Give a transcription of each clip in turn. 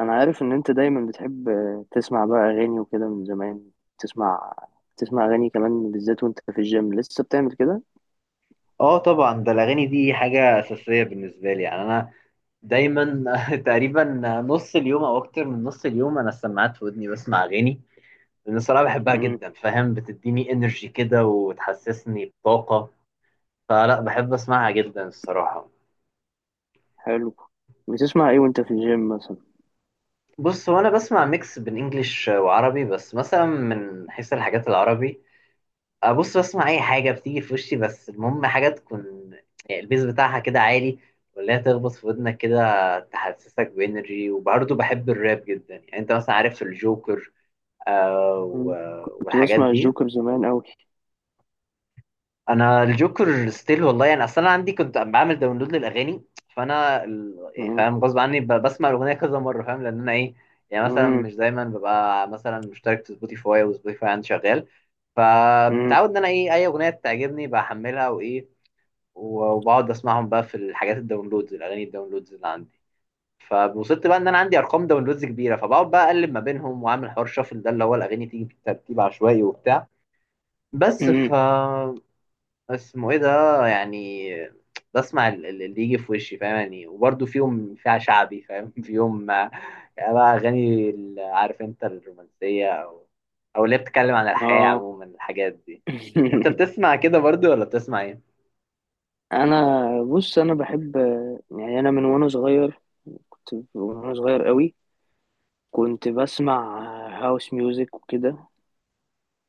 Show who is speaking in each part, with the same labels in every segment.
Speaker 1: انا عارف ان انت دايما بتحب تسمع بقى اغاني وكده من زمان. تسمع تسمع اغاني كمان بالذات وانت في الجيم لسه بتعمل كده.
Speaker 2: اه، طبعا. ده الاغاني دي حاجه اساسيه بالنسبه لي، يعني انا دايما تقريبا نص اليوم او اكتر من نص اليوم انا السماعات في ودني بسمع اغاني، لان الصراحه بحبها
Speaker 1: امم.
Speaker 2: جدا، فاهم؟ بتديني انرجي كده وتحسسني بطاقه، فلا بحب اسمعها جدا الصراحه.
Speaker 1: حلو. بتسمع ايه وانت في الجيم مثلا؟
Speaker 2: بص، هو انا بسمع ميكس بين انجليش وعربي، بس مثلا من حيث الحاجات العربي ابص بسمع اي حاجه بتيجي في وشي، بس المهم حاجه تكون يعني البيز بتاعها كده عالي، ولا هي تخبط في ودنك كده تحسسك بانرجي، وبرضه بحب الراب جدا، يعني انت مثلا عارف الجوكر؟ آه
Speaker 1: مم. كنت
Speaker 2: والحاجات
Speaker 1: بسمع
Speaker 2: دي.
Speaker 1: الجوكر زمان قوي.
Speaker 2: انا الجوكر ستيل والله، يعني اصلا انا عندي كنت بعمل داونلود للاغاني، فانا يعني
Speaker 1: امم،
Speaker 2: فاهم غصب عني بسمع الاغنيه كذا مره، فاهم؟ لان انا ايه، يعني مثلا
Speaker 1: امم،
Speaker 2: مش دايما ببقى مثلا مشترك في سبوتيفاي، وسبوتيفاي عندي شغال، فمتعود ان انا ايه اي اغنيه تعجبني بحملها وايه، وبقعد اسمعهم بقى في الحاجات الداونلودز الاغاني الداونلودز اللي عندي، فوصلت بقى ان انا عندي ارقام داونلودز كبيره، فبقعد بقى اقلب ما بينهم واعمل حوار شافل، ده اللي هو الاغاني تيجي في ترتيب عشوائي وبتاع، بس ف
Speaker 1: امم.
Speaker 2: اسمه ايه ده، يعني بسمع اللي يجي في وشي فاهم يعني، وبرده فيها شعبي فاهم فيهم آه، يعني بقى اغاني عارف انت الرومانسيه او اللي هي بتتكلم عن الحياه
Speaker 1: اه.
Speaker 2: عموما الحاجات دي. انت بتسمع كده برضو ولا بتسمع ايه؟
Speaker 1: انا بص، انا بحب، يعني انا من وانا صغير، كنت من وانا صغير قوي كنت بسمع هاوس ميوزك وكده.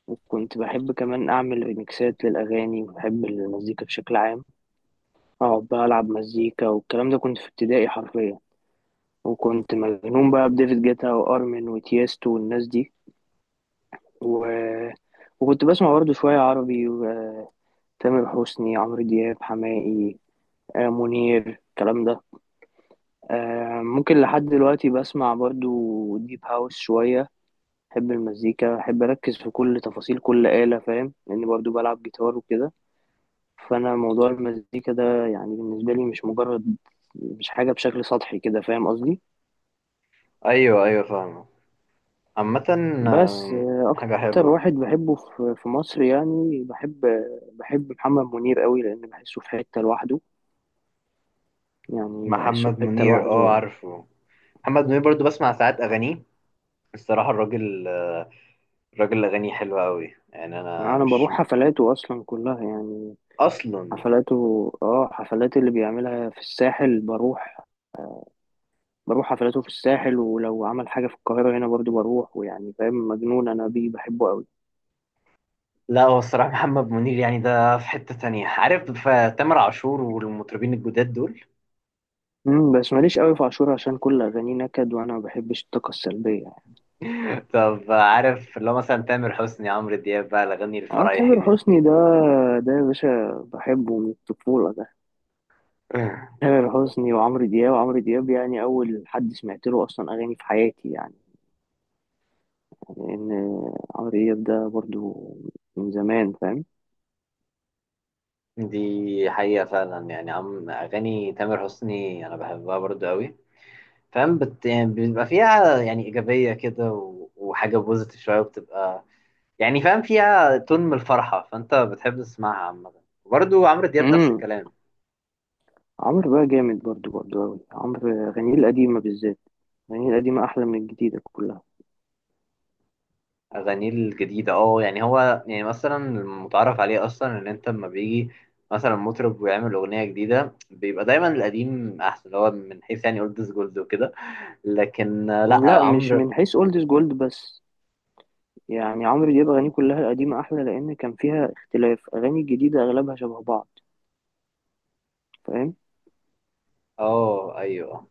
Speaker 1: وكنت بحب كمان أعمل ريميكسات للأغاني وبحب المزيكا بشكل عام. أقعد بقى ألعب مزيكا والكلام ده، كنت في ابتدائي حرفيا. وكنت مجنون بقى بديفيد جيتا وأرمن وتيستو والناس دي و... وكنت بسمع برضه شوية عربي، وتامر حسني، عمرو دياب، حماقي، منير، الكلام ده. ممكن لحد دلوقتي بسمع برضه ديب هاوس شوية. بحب المزيكا، بحب أركز في كل تفاصيل كل آلة، فاهم؟ لأني برضه بلعب جيتار وكده. فانا موضوع المزيكا ده يعني بالنسبه لي مش مجرد، مش حاجه بشكل سطحي كده، فاهم قصدي؟
Speaker 2: ايوه، ايوه، فاهم. عامة
Speaker 1: بس
Speaker 2: حاجة
Speaker 1: اكتر
Speaker 2: حلوة.
Speaker 1: واحد بحبه في مصر، يعني بحب، محمد منير قوي، لان بحسه في حته لوحده. يعني بحسه
Speaker 2: محمد
Speaker 1: في حته
Speaker 2: منير، اه
Speaker 1: لوحده.
Speaker 2: عارفه. محمد منير برضو بسمع ساعات أغانيه الصراحة. الراجل أغانيه حلوة أوي، يعني
Speaker 1: يعني
Speaker 2: أنا
Speaker 1: انا
Speaker 2: مش
Speaker 1: بروح حفلاته اصلا كلها يعني،
Speaker 2: أصلا.
Speaker 1: حفلاته، حفلات اللي بيعملها في الساحل بروح حفلاته في الساحل، ولو عمل حاجه في القاهره هنا برضو بروح، ويعني فاهم، مجنون انا بيه، بحبه قوي.
Speaker 2: لا، هو الصراحة محمد منير يعني ده في حتة تانية، عارف؟ فتامر عاشور والمطربين الجداد دول.
Speaker 1: امم. بس ماليش قوي في عاشور، عشان كل اغانيه نكد، وانا ما بحبش الطاقه السلبيه يعني.
Speaker 2: طب، عارف اللي هو مثلا تامر حسني عمرو دياب بقى الأغاني
Speaker 1: اه،
Speaker 2: الفرايحي
Speaker 1: تامر
Speaker 2: دي.
Speaker 1: حسني ده، يا باشا بحبه من الطفوله ده. تامر حسني وعمرو دياب، وعمرو دياب يعني اول حد سمعت له اصلا اغاني في حياتي يعني، لان عمرو دياب ده برضو من زمان، فاهم؟
Speaker 2: دي حقيقة فعلا، يعني عم أغاني تامر حسني أنا بحبها برضو أوي، فاهم يعني بيبقى فيها يعني إيجابية كده وحاجة بوزيتيف شوية، وبتبقى يعني فاهم فيها تون من الفرحة، فأنت بتحب تسمعها عامة، وبرضه عمرو دياب نفس
Speaker 1: امم.
Speaker 2: الكلام.
Speaker 1: عمرو بقى جامد برضو، قوي، عمرو اغانيه القديمه بالذات. اغانيه القديمه احلى من الجديده كلها.
Speaker 2: أغانيه الجديدة اه، يعني هو يعني مثلا المتعارف عليه أصلا إن أنت لما بيجي مثلا مطرب ويعمل أغنية جديدة بيبقى دايما القديم أحسن، اللي هو من حيث يعني أولد جولد وكده، لكن لأ
Speaker 1: لا، مش
Speaker 2: عمرو.
Speaker 1: من حيث اولد از جولد بس، يعني عمرو دياب أغانيه كلها القديمة أحلى لأن كان فيها اختلاف، أغاني الجديدة أغلبها شبه بعض، فاهم؟
Speaker 2: اه، أيوه.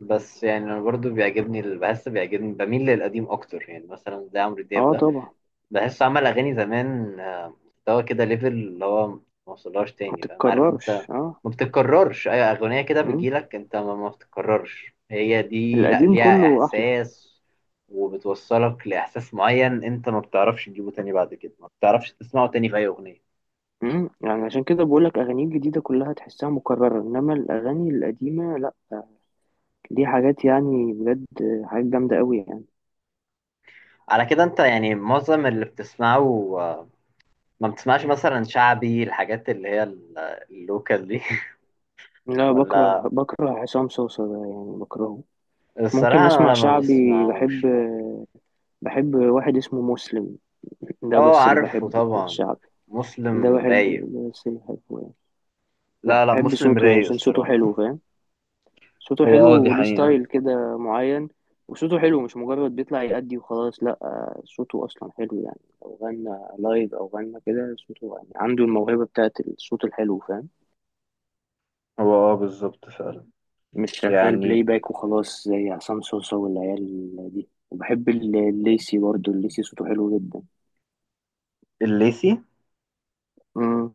Speaker 2: بس يعني أنا برضه بيعجبني، بحس بيعجبني بميل للقديم أكتر، يعني مثلا زي عمرو دياب
Speaker 1: اه
Speaker 2: ده،
Speaker 1: طبعا.
Speaker 2: بحس عمل اغاني زمان مستوى كده ليفل اللي هو ما وصلهاش
Speaker 1: ما
Speaker 2: تاني، فاهم عارف
Speaker 1: تتكررش
Speaker 2: انت؟
Speaker 1: اه.
Speaker 2: ما بتتكررش اي اغنيه كده
Speaker 1: مم.
Speaker 2: بتجيلك انت، ما بتتكررش هي دي، لا
Speaker 1: القديم
Speaker 2: ليها
Speaker 1: كله أحلى.
Speaker 2: احساس وبتوصلك لاحساس معين انت ما بتعرفش تجيبه تاني بعد كده، ما بتعرفش تسمعه تاني في اي اغنيه.
Speaker 1: مم. يعني عشان كده بقولك أغانيه الجديدة كلها تحسها مكررة، إنما الأغاني القديمة لأ. دي حاجات يعني بجد، حاجات جامدة أوي يعني.
Speaker 2: على كده انت يعني معظم اللي بتسمعه ما بتسمعش مثلا شعبي الحاجات اللي هي اللوكال دي؟
Speaker 1: لا،
Speaker 2: ولا
Speaker 1: بكره عصام صوصة ده يعني، بكرهه. ممكن
Speaker 2: الصراحه انا
Speaker 1: أسمع
Speaker 2: ولا ما
Speaker 1: شعبي، بحب.
Speaker 2: بسمعوش، لا.
Speaker 1: بحب واحد اسمه مسلم، ده
Speaker 2: اه
Speaker 1: بس اللي
Speaker 2: عارفه
Speaker 1: بحبه في
Speaker 2: طبعا.
Speaker 1: الشعبي. ده
Speaker 2: مسلم
Speaker 1: بحبه،
Speaker 2: رايق.
Speaker 1: ده بس اللي بحبه.
Speaker 2: لا لا،
Speaker 1: بحب
Speaker 2: مسلم
Speaker 1: صوته يعني
Speaker 2: رايق
Speaker 1: عشان صوته حلو،
Speaker 2: الصراحة.
Speaker 1: فاهم؟ صوته
Speaker 2: هو
Speaker 1: حلو
Speaker 2: اه دي
Speaker 1: وليه
Speaker 2: حقيقة.
Speaker 1: ستايل كده معين. وصوته حلو، مش مجرد بيطلع يأدي وخلاص، لا، صوته أصلا حلو، يعني لو غنى لايف أو غنى كده، صوته يعني عنده الموهبة بتاعت الصوت الحلو، فاهم؟
Speaker 2: هو اه بالظبط فعلا،
Speaker 1: مش شغال بلاي
Speaker 2: يعني.
Speaker 1: باك وخلاص زي عصام صوصة والعيال دي. وبحب الليسي برضه، الليسي صوته حلو جدا.
Speaker 2: الليثي.
Speaker 1: مم.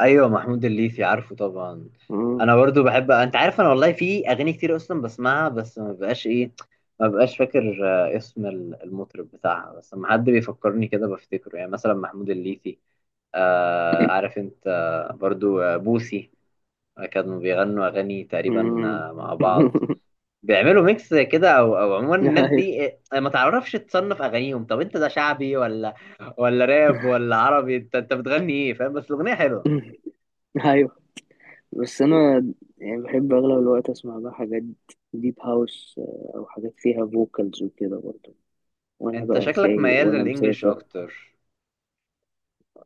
Speaker 2: ايوه، محمود الليثي عارفه طبعا.
Speaker 1: مم.
Speaker 2: انا برضو بحب، انت عارف انا والله في اغاني كتير اصلا بسمعها، بس ما بقاش ايه، ما بقاش فاكر آه، اسم المطرب بتاعها، بس لما حد بيفكرني كده بفتكره، يعني مثلا محمود الليثي، آه عارف انت، آه، برضو آه، بوسي، آه، كانوا بيغنوا اغاني تقريبا
Speaker 1: مم.
Speaker 2: آه، مع بعض بيعملوا ميكس كده او عموما الناس
Speaker 1: أيوه.
Speaker 2: دي، آه، ما تعرفش تصنف اغانيهم، طب انت ده شعبي ولا راب ولا عربي، انت بتغني ايه؟ فاهم، بس الاغنيه حلوه.
Speaker 1: أيوه. بس انا يعني بحب اغلب الوقت اسمع بقى حاجات ديب هاوس، او حاجات فيها فوكالز وكده برضه، وانا
Speaker 2: انت
Speaker 1: بقى
Speaker 2: شكلك
Speaker 1: سايق
Speaker 2: ميال
Speaker 1: وانا
Speaker 2: للانجليش
Speaker 1: مسافر.
Speaker 2: اكتر.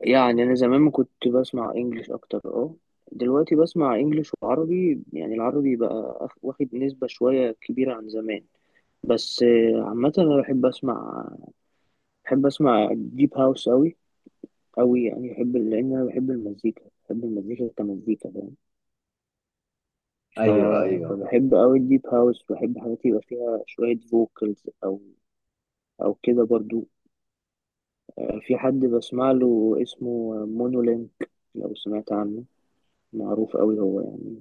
Speaker 1: يعني انا زمان ما كنت بسمع انجليش اكتر، اه، دلوقتي بسمع انجليش وعربي، يعني العربي بقى واخد نسبة شوية كبيرة عن زمان. بس عامة انا بحب اسمع، بحب اسمع ديب هاوس اوي، اوي يعني، بحب لان انا بحب المزيكا، بحب المزيكا كمزيكا. ف...
Speaker 2: ايوه، ايوه.
Speaker 1: فبحب أوي الديب هاوس، بحب حاجات يبقى فيها شوية فوكالز أو، كده برضو. في حد بسمع له اسمه مونولينك، لو سمعت عنه، معروف أوي هو يعني.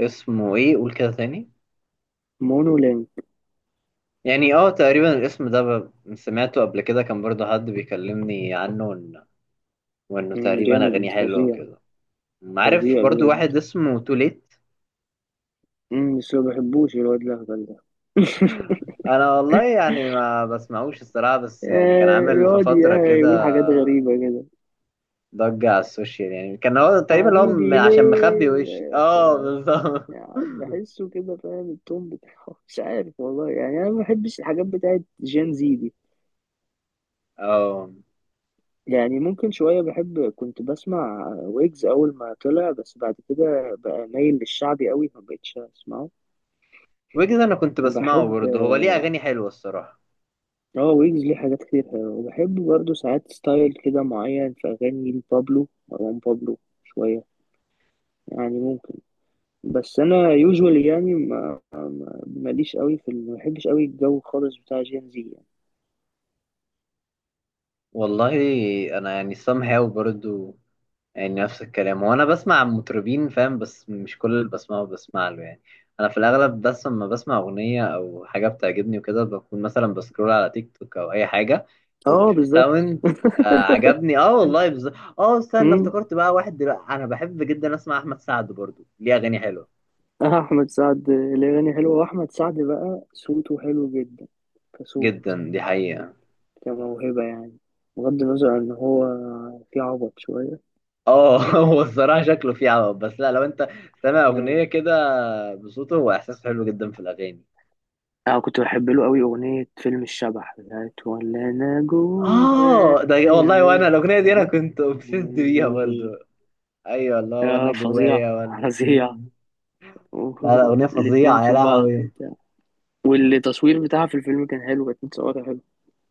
Speaker 2: اسمه ايه؟ قول كده تاني.
Speaker 1: مونولينك.
Speaker 2: يعني اه تقريبا الاسم ده سمعته قبل كده، كان برضو حد بيكلمني عنه وانه
Speaker 1: مم،
Speaker 2: تقريبا اغانيه
Speaker 1: جامد
Speaker 2: حلوه
Speaker 1: فظيع،
Speaker 2: وكده. عارف
Speaker 1: فظيع
Speaker 2: برضو
Speaker 1: بجد.
Speaker 2: واحد اسمه توليت.
Speaker 1: مم، بس ما بحبوش الواد الأهبل ده.
Speaker 2: انا والله يعني ما بسمعوش الصراحه، بس يعني كان عامل في
Speaker 1: يقعد
Speaker 2: فتره
Speaker 1: يقول
Speaker 2: كده
Speaker 1: حاجات غريبة كده،
Speaker 2: ضجة على السوشيال، يعني كان هو تقريبا اللي هو
Speaker 1: حبيبي
Speaker 2: عشان مخبي وشي،
Speaker 1: ليه،
Speaker 2: اه بالظبط.
Speaker 1: يعني بحسه كده، فاهم التون بتاعه؟ مش عارف والله يعني، أنا ما بحبش الحاجات بتاعت جين زي دي.
Speaker 2: اه
Speaker 1: يعني ممكن شوية بحب، كنت بسمع ويجز أول ما طلع، بس بعد كده بقى مايل للشعبي قوي فمبقتش أسمعه.
Speaker 2: ويجز، انا كنت بسمعه
Speaker 1: بحب،
Speaker 2: برضه، هو ليه اغاني حلوة الصراحة.
Speaker 1: اه، ويجز ليه حاجات كتير حلوة، وبحب برضه ساعات ستايل كده معين في أغاني لبابلو، مروان بابلو شوية يعني ممكن. بس أنا يوجوالي يعني، ما ماليش قوي في ال- ما بحبش قوي الجو خالص بتاع جين زي يعني.
Speaker 2: والله انا يعني somehow برضه، يعني نفس الكلام، وانا بسمع عن مطربين فاهم، بس مش كل اللي بسمعه بسمع له يعني، انا في الاغلب بس لما بسمع اغنيه او حاجه بتعجبني وكده بكون مثلا بسكرول على تيك توك او اي حاجه
Speaker 1: اه
Speaker 2: وبشوف
Speaker 1: بالظبط.
Speaker 2: ساوند، آه عجبني، اه والله. اه استنى،
Speaker 1: مم.
Speaker 2: افتكرت بقى واحد دلوقتي، انا بحب جدا اسمع احمد سعد، برضو ليه اغاني حلوه
Speaker 1: أحمد سعد الأغاني حلوة، وأحمد سعد بقى صوته حلو جدا، كصوت،
Speaker 2: جدا، دي حقيقه.
Speaker 1: كموهبة يعني، بغض النظر إن هو في عبط شوية.
Speaker 2: اه هو الصراحه شكله فيه عوض، بس لا لو انت سامع
Speaker 1: آه.
Speaker 2: اغنيه كده بصوته، هو احساس حلو جدا في الاغاني.
Speaker 1: أنا كنت بحب له أوي أغنية فيلم الشبح، بتاعت ولا أنا
Speaker 2: اه
Speaker 1: جوايا.
Speaker 2: ده والله،
Speaker 1: و-
Speaker 2: وانا الاغنيه دي انا
Speaker 1: فاكر؟
Speaker 2: كنت اوبسيسد بيها برضو.
Speaker 1: دي.
Speaker 2: ايوه والله، وانا
Speaker 1: آه فظيع،
Speaker 2: جوايا، وانا
Speaker 1: فظيع.
Speaker 2: مم. لا لا، اغنيه
Speaker 1: الاتنين
Speaker 2: فظيعه يا
Speaker 1: في بعض
Speaker 2: لهوي.
Speaker 1: وبتاع. والتصوير بتاعها في الفيلم كان حلو، كانت متصورة حلو.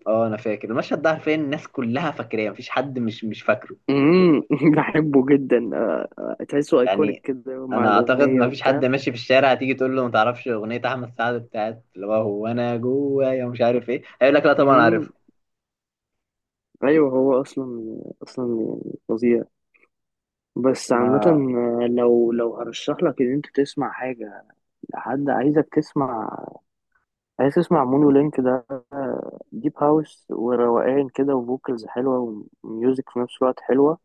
Speaker 2: اه انا فاكر المشهد ده، عارفين الناس كلها فاكراه، مفيش حد مش فاكره.
Speaker 1: مم. بحبه جدا، تحسه ايكونيك
Speaker 2: يعني
Speaker 1: كده مع
Speaker 2: انا اعتقد
Speaker 1: الأغنية
Speaker 2: مفيش حد
Speaker 1: وبتاع
Speaker 2: ماشي في الشارع هتيجي تقول له ما تعرفش اغنيه احمد سعد بتاعت اللي هو هو انا جوايا ومش عارف ايه، هيقول لك لا طبعا
Speaker 1: مم،
Speaker 2: عارفها.
Speaker 1: ايوه هو اصلا، يعني فظيع. بس عامة،
Speaker 2: ما،
Speaker 1: لو هرشح لك ان انت تسمع حاجة، لحد عايزك تسمع، عايز تسمع مونو لينك ده، ديب هاوس وروقان كده وفوكالز حلوة وميوزك في نفس الوقت حلوة.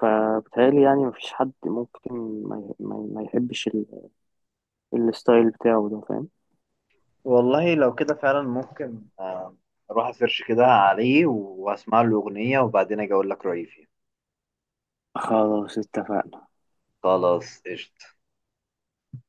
Speaker 1: فبتهيألي يعني مفيش حد ممكن ما يحبش الستايل بتاعه ده، فاهم؟
Speaker 2: والله لو كده فعلا ممكن اروح اسيرش كده عليه واسمع له اغنيه وبعدين اجي اقول لك رايي فيه.
Speaker 1: خلاص اتفقنا.
Speaker 2: خلاص قشطة.